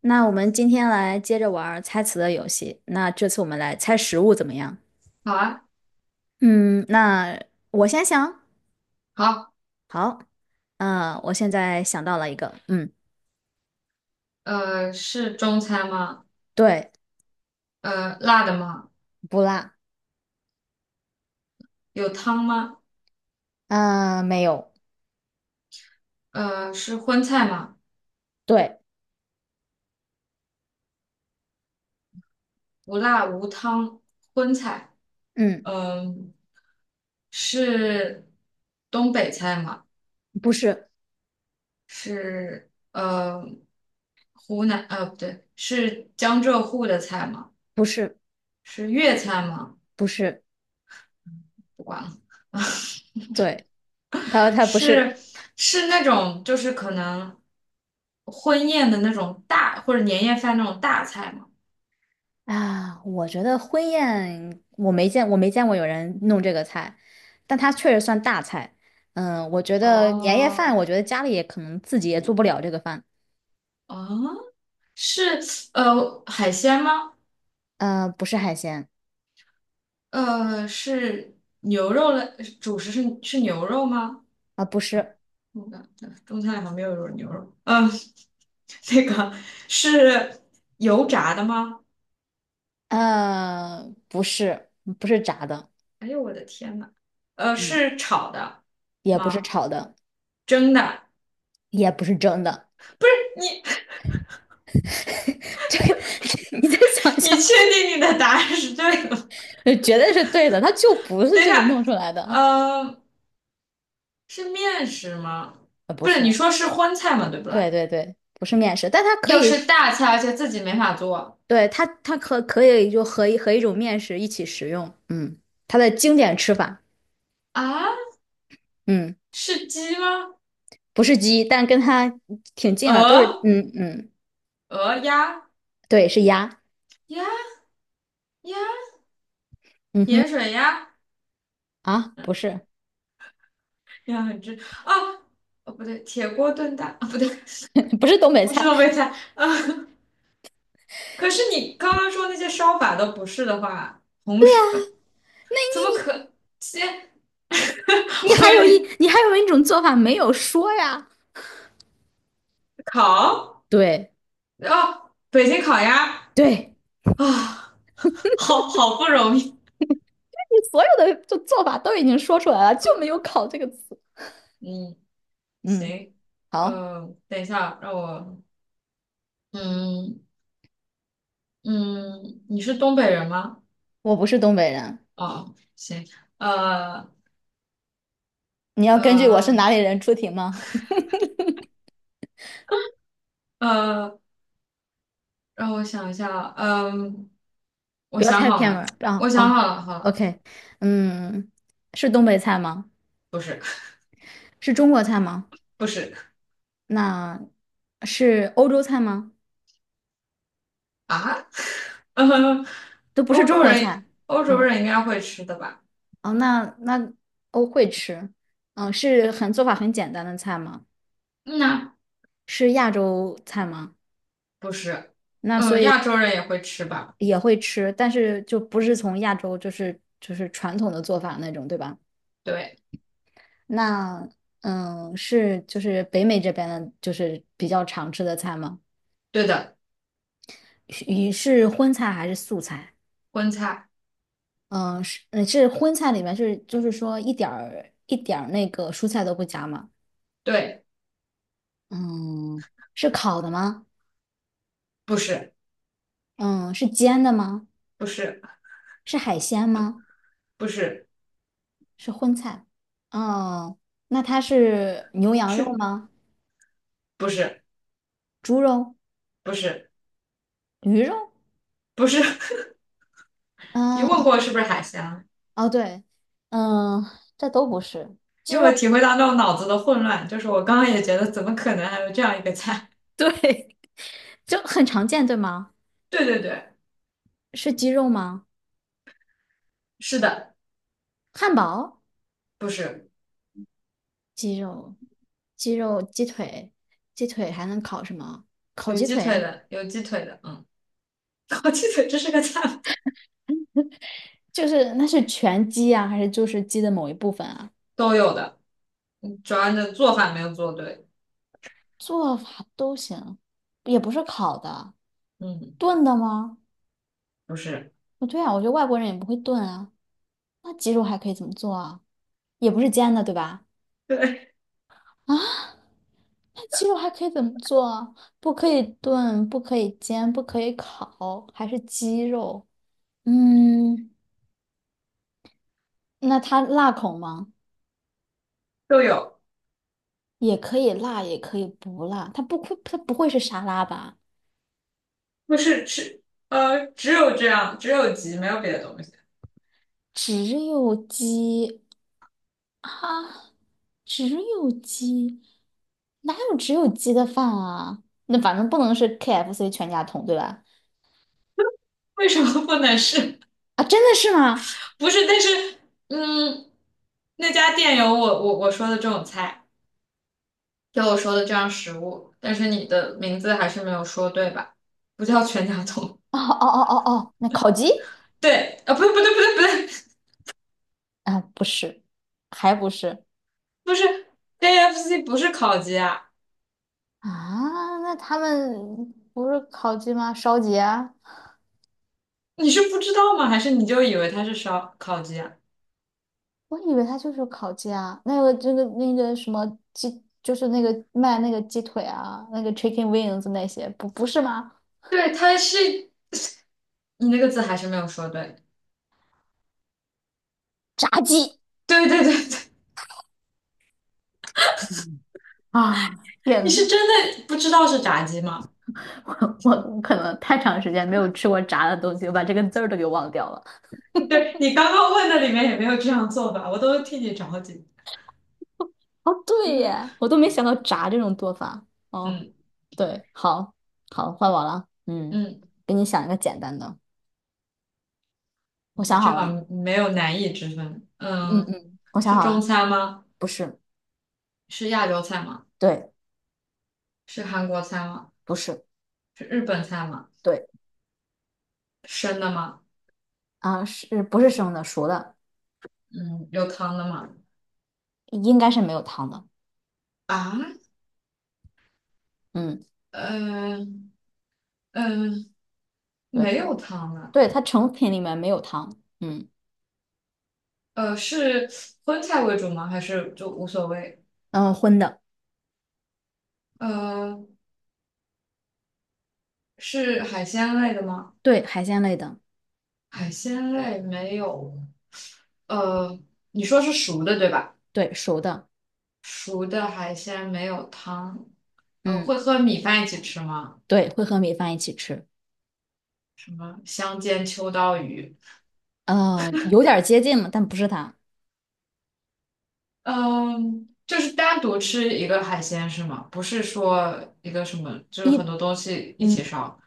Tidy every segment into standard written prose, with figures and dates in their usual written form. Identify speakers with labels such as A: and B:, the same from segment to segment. A: 那我们今天来接着玩儿猜词的游戏。那这次我们来猜食物怎么样？
B: 好啊，
A: 嗯，那我先想。
B: 好，
A: 好，我现在想到了一个，
B: 是中餐吗？
A: 对，
B: 辣的吗？
A: 不辣，
B: 有汤吗？
A: 嗯、没有，
B: 是荤菜吗？
A: 对，
B: 无辣无汤，荤菜。
A: 嗯，
B: 嗯、是东北菜吗？
A: 不是，
B: 是湖南不对，是江浙沪的菜吗？
A: 不是，
B: 是粤菜吗？
A: 不是，
B: 不管了，
A: 对，他说他不是
B: 是是那种就是可能婚宴的那种大或者年夜饭那种大菜吗？
A: 啊。我觉得婚宴我没见，我没见过有人弄这个菜，但它确实算大菜。我觉得年夜饭，我
B: 哦，
A: 觉得家里也可能自己也做不了这个饭。
B: 啊，是海鲜吗？
A: 不是海鲜，
B: 是牛肉类，主食是牛肉吗？
A: 不是，
B: 我感觉中餐里好像没有牛肉。嗯，那个是油炸的吗？
A: 不是，不是炸的，
B: 哎呦我的天呐，
A: 嗯，
B: 是炒的
A: 也不是
B: 吗？
A: 炒的，
B: 蒸的？
A: 也不是蒸的。
B: 你
A: 这个 你再想
B: 你
A: 想。
B: 确定你的答案是对的吗？
A: 绝对是对的，它就不 是
B: 等一
A: 这
B: 下，
A: 个弄出来的。
B: 呃，是面食吗？
A: 不
B: 不是，
A: 是，
B: 你说是荤菜吗？对不
A: 对
B: 啦？
A: 对对，不是面食，但它可
B: 又
A: 以。
B: 是大菜，而且自己没法做。
A: 对，它可以就和一种面食一起食用。嗯，它的经典吃法。
B: 啊，
A: 嗯，
B: 是鸡吗？
A: 不是鸡，但跟它挺近了，都是，
B: 鹅、
A: 嗯嗯，
B: 鹅、鸭、
A: 对，是鸭。
B: 鸭、鸭、
A: 嗯哼，
B: 盐水鸭、
A: 不是，
B: 鸭很正啊，哦不对，铁锅炖蛋啊不对，
A: 不是东北
B: 不是
A: 菜。
B: 东北菜啊。可是你刚刚说那些烧法都不是的话，红薯怎么可先
A: 你还有一，
B: 会
A: 你还有一种做法没有说呀？
B: 烤？
A: 对
B: 哦，北京烤鸭
A: 对，
B: 啊，好好不容易。
A: 你所有的就做法都已经说出来了，就没有"考"这个词。
B: 嗯，
A: 嗯，
B: 行，
A: 好，
B: 等一下，让我嗯嗯，你是东北人吗？
A: 我不是东北人。
B: 哦，行，呃
A: 你要根据我是
B: 呃
A: 哪里人出题吗？
B: 呃，让我想一下，嗯，我
A: 不要
B: 想
A: 太
B: 好
A: 偏门
B: 了，
A: 儿
B: 我
A: 啊
B: 想
A: 啊
B: 好了，好了，
A: ！OK，嗯，是东北菜吗？
B: 不是
A: 是中国菜吗？
B: 不是
A: 那是欧洲菜吗？
B: 啊，呃，
A: 都不是
B: 欧
A: 中
B: 洲
A: 国
B: 人
A: 菜。
B: 欧洲
A: 嗯，
B: 人应该会吃的吧？
A: 哦，那我会吃。是做法很简单的菜吗？
B: 嗯呐，
A: 是亚洲菜吗？
B: 不是，
A: 那所以
B: 亚洲人也会吃吧？
A: 也会吃，但是就不是从亚洲，就是传统的做法那种，对吧？
B: 对
A: 那是就是北美这边的，就是比较常吃的菜吗？
B: 对的，
A: 是你是荤菜还是素菜？
B: 荤菜，
A: 嗯，是荤菜里面是就是说一点儿一点儿那个蔬菜都不加吗？
B: 对，
A: 嗯，是烤的吗？
B: 不是
A: 嗯，是煎的吗？
B: 不是
A: 是海鲜吗？
B: 不是
A: 是荤菜。哦，那它是牛羊肉
B: 是
A: 吗？
B: 不是
A: 猪肉、
B: 不是
A: 鱼肉？
B: 不是，你问
A: 啊，
B: 过是不是海鲜？
A: 哦，对，嗯，这都不是。
B: 因为我体会到那种脑子的混乱，就是我刚刚也觉得怎么可能还有这样一个菜？
A: 对，就很常见，对吗？
B: 对对对，
A: 是鸡肉吗？
B: 是的，
A: 汉堡、
B: 不是
A: 鸡肉、鸡肉、鸡腿、鸡腿还能烤什么？烤
B: 有
A: 鸡
B: 鸡腿
A: 腿。
B: 的，有鸡腿的，嗯，烤鸡腿这是个菜吗
A: 就是那是全鸡啊，还是就是鸡的某一部分啊？
B: 都有的，嗯主要你的做法没有做对，
A: 做法都行，也不是烤的。
B: 嗯，
A: 炖的吗？
B: 不是，
A: 不对啊，我觉得外国人也不会炖啊。那鸡肉还可以怎么做啊？也不是煎的，对吧？
B: 对，
A: 啊，那鸡肉还可以怎么做啊？不可以炖，不可以煎，不可以烤，还是鸡肉？嗯，那它辣口吗？
B: 都有，
A: 也可以辣，也可以不辣。它不会是沙拉吧？
B: 不是是，只有这样，只有鸡，没有别的东西，
A: 只有鸡啊，只有鸡，哪有只有鸡的饭啊？那反正不能是 KFC 全家桶，对吧？
B: 为什么不能是？
A: 真的是吗？
B: 不是，但是，嗯，那家店有我说的这种菜。给我说的这样食物，但是你的名字还是没有说对吧？不叫全家桶，
A: 哦哦哦哦哦，那烤鸡
B: 对啊，不对不对不对不对，
A: 啊，不是，还不是。
B: 不是 KFC 不是烤鸡啊，
A: 那他们不是烤鸡吗？烧鸡啊？
B: 你是不知道吗？还是你就以为它是烧烤鸡啊？
A: 我以为它就是烤鸡啊。那个这个那个什么鸡，就是那个卖那个鸡腿啊，那个 chicken wings 那些，不是吗？
B: 对，它是，你那个字还是没有说对，
A: 炸鸡。
B: 对对对对，
A: 嗯啊！
B: 你
A: 天
B: 是
A: 呐，
B: 真的不知道是炸鸡吗？
A: 我可能太长时间没有吃过炸的东西，我把这个字儿都给忘掉了。
B: 对，你刚刚问的里面也没有这样做吧，我都替你着急。
A: 哦，对耶，我都没想到炸这种做法。哦，
B: 嗯
A: 对，好，好，换我了。嗯，
B: 嗯，
A: 给你想一个简单的。
B: 我
A: 我
B: 觉得
A: 想
B: 这
A: 好
B: 好
A: 了。
B: 像没有难易之分。嗯，
A: 嗯，我想
B: 是
A: 好
B: 中
A: 了。
B: 餐吗？
A: 不是，
B: 是亚洲菜吗？
A: 对，
B: 是韩国菜吗？
A: 不是，
B: 是日本菜吗？
A: 对，
B: 生的吗？
A: 是不是生的？熟的，
B: 嗯，有汤的吗？
A: 应该是没有汤的。
B: 啊，
A: 嗯，
B: 嗯呃，嗯、
A: 对，
B: 没有汤的。
A: 对，它成品里面没有汤。
B: 是荤菜为主吗？还是就无所谓？
A: 荤的，
B: 呃，是海鲜类的吗？
A: 对，海鲜类的，
B: 海鲜类没有。呃，你说是熟的对吧？
A: 对，熟的。
B: 熟的海鲜没有汤。
A: 嗯，
B: 会和米饭一起吃吗？
A: 对，会和米饭一起吃。
B: 什么香煎秋刀鱼？
A: 有点儿接近了，但不是它。
B: 嗯，就是单独吃一个海鲜是吗？不是说一个什么，就是
A: 一，
B: 很多东西一
A: 嗯，
B: 起烧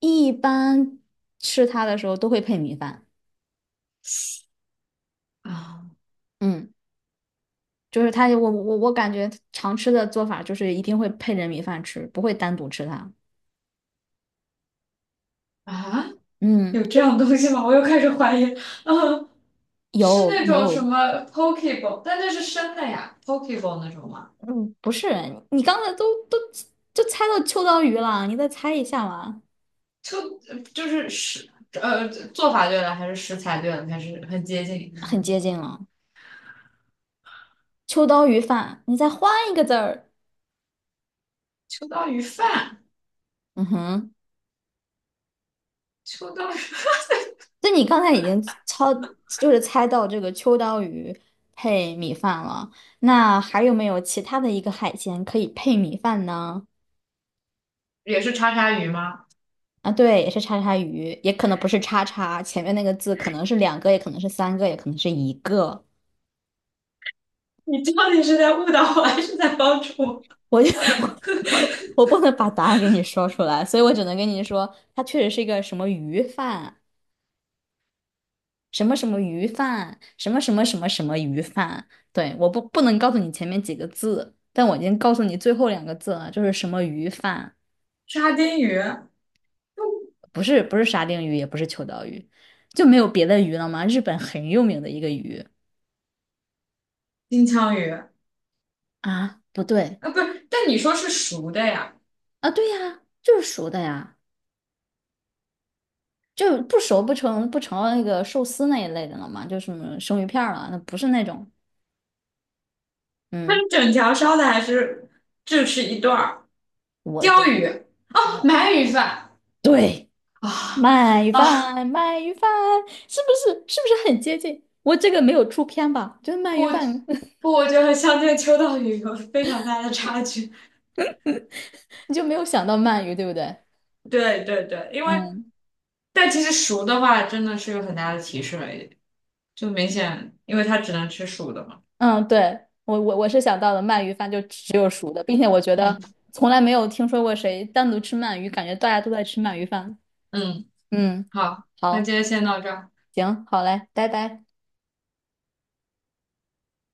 A: 一般吃它的时候都会配米饭。
B: 啊
A: 嗯，就是它，我感觉常吃的做法就是一定会配着米饭吃，不会单独吃它。
B: 啊，
A: 嗯，
B: 有
A: 就
B: 这样
A: 是
B: 东西吗？我又开始怀疑。嗯，是
A: 有
B: 那种什
A: 有。
B: 么 pokeball，但那是生的呀，pokeball 那种吗？
A: 嗯，不是，你刚才都就猜到秋刀鱼了，你再猜一下嘛，
B: 就就是食做法对了，还是食材对了，还是很接近。
A: 很接近了。秋刀鱼饭，你再换一个字儿。
B: 秋刀鱼饭，
A: 嗯哼，
B: 秋刀鱼
A: 那你刚才已经就是猜到这个秋刀鱼配米饭了。那还有没有其他的一个海鲜可以配米饭呢？
B: 也是叉叉鱼吗？
A: 啊，对，也是叉叉鱼，也可能不是叉叉，前面那个字可能是两个，也可能是三个，也可能是一个。
B: 你到底是在误导我，还是在帮助我？
A: 我就 我我不能把答案给你说出来，所以我只能跟你说，它确实是一个什么鱼饭，什么什么鱼饭，什么什么什么什么鱼饭。对，我不能告诉你前面几个字，但我已经告诉你最后两个字了，就是什么鱼饭，
B: 沙丁鱼、
A: 不是不是沙丁鱼，也不是秋刀鱼。就没有别的鱼了吗？日本很有名的一个鱼。
B: 金枪鱼。
A: 啊，不对
B: 啊，不是，但你说是熟的呀，
A: 啊，对呀，就是熟的呀。就不熟不成那个寿司那一类的了嘛，就什么生鱼片儿了，那不是那种。
B: 它
A: 嗯，
B: 是整条烧的还是就吃一段儿？
A: 我的
B: 鲷鱼，哦鳗鱼饭
A: 对，
B: 啊
A: 鱼
B: 啊！
A: 饭鳗鱼饭，是不是很接近？我这个没有出片吧？就是鳗鱼
B: 我
A: 饭。
B: 不，我觉得和乡间秋刀鱼有非常大的差距。
A: 你就没有想到鳗鱼，对不对？
B: 对对对，因为
A: 嗯，
B: 但其实熟的话真的是有很大的提示了，就明显，因为它只能吃熟的嘛。
A: 嗯，对，我是想到了鳗鱼饭就只有熟的，并且我觉得
B: 嗯
A: 从来没有听说过谁单独吃鳗鱼，感觉大家都在吃鳗鱼饭。
B: 嗯，
A: 嗯，
B: 好，那
A: 好，
B: 今天先到这儿。
A: 行，好嘞，拜拜。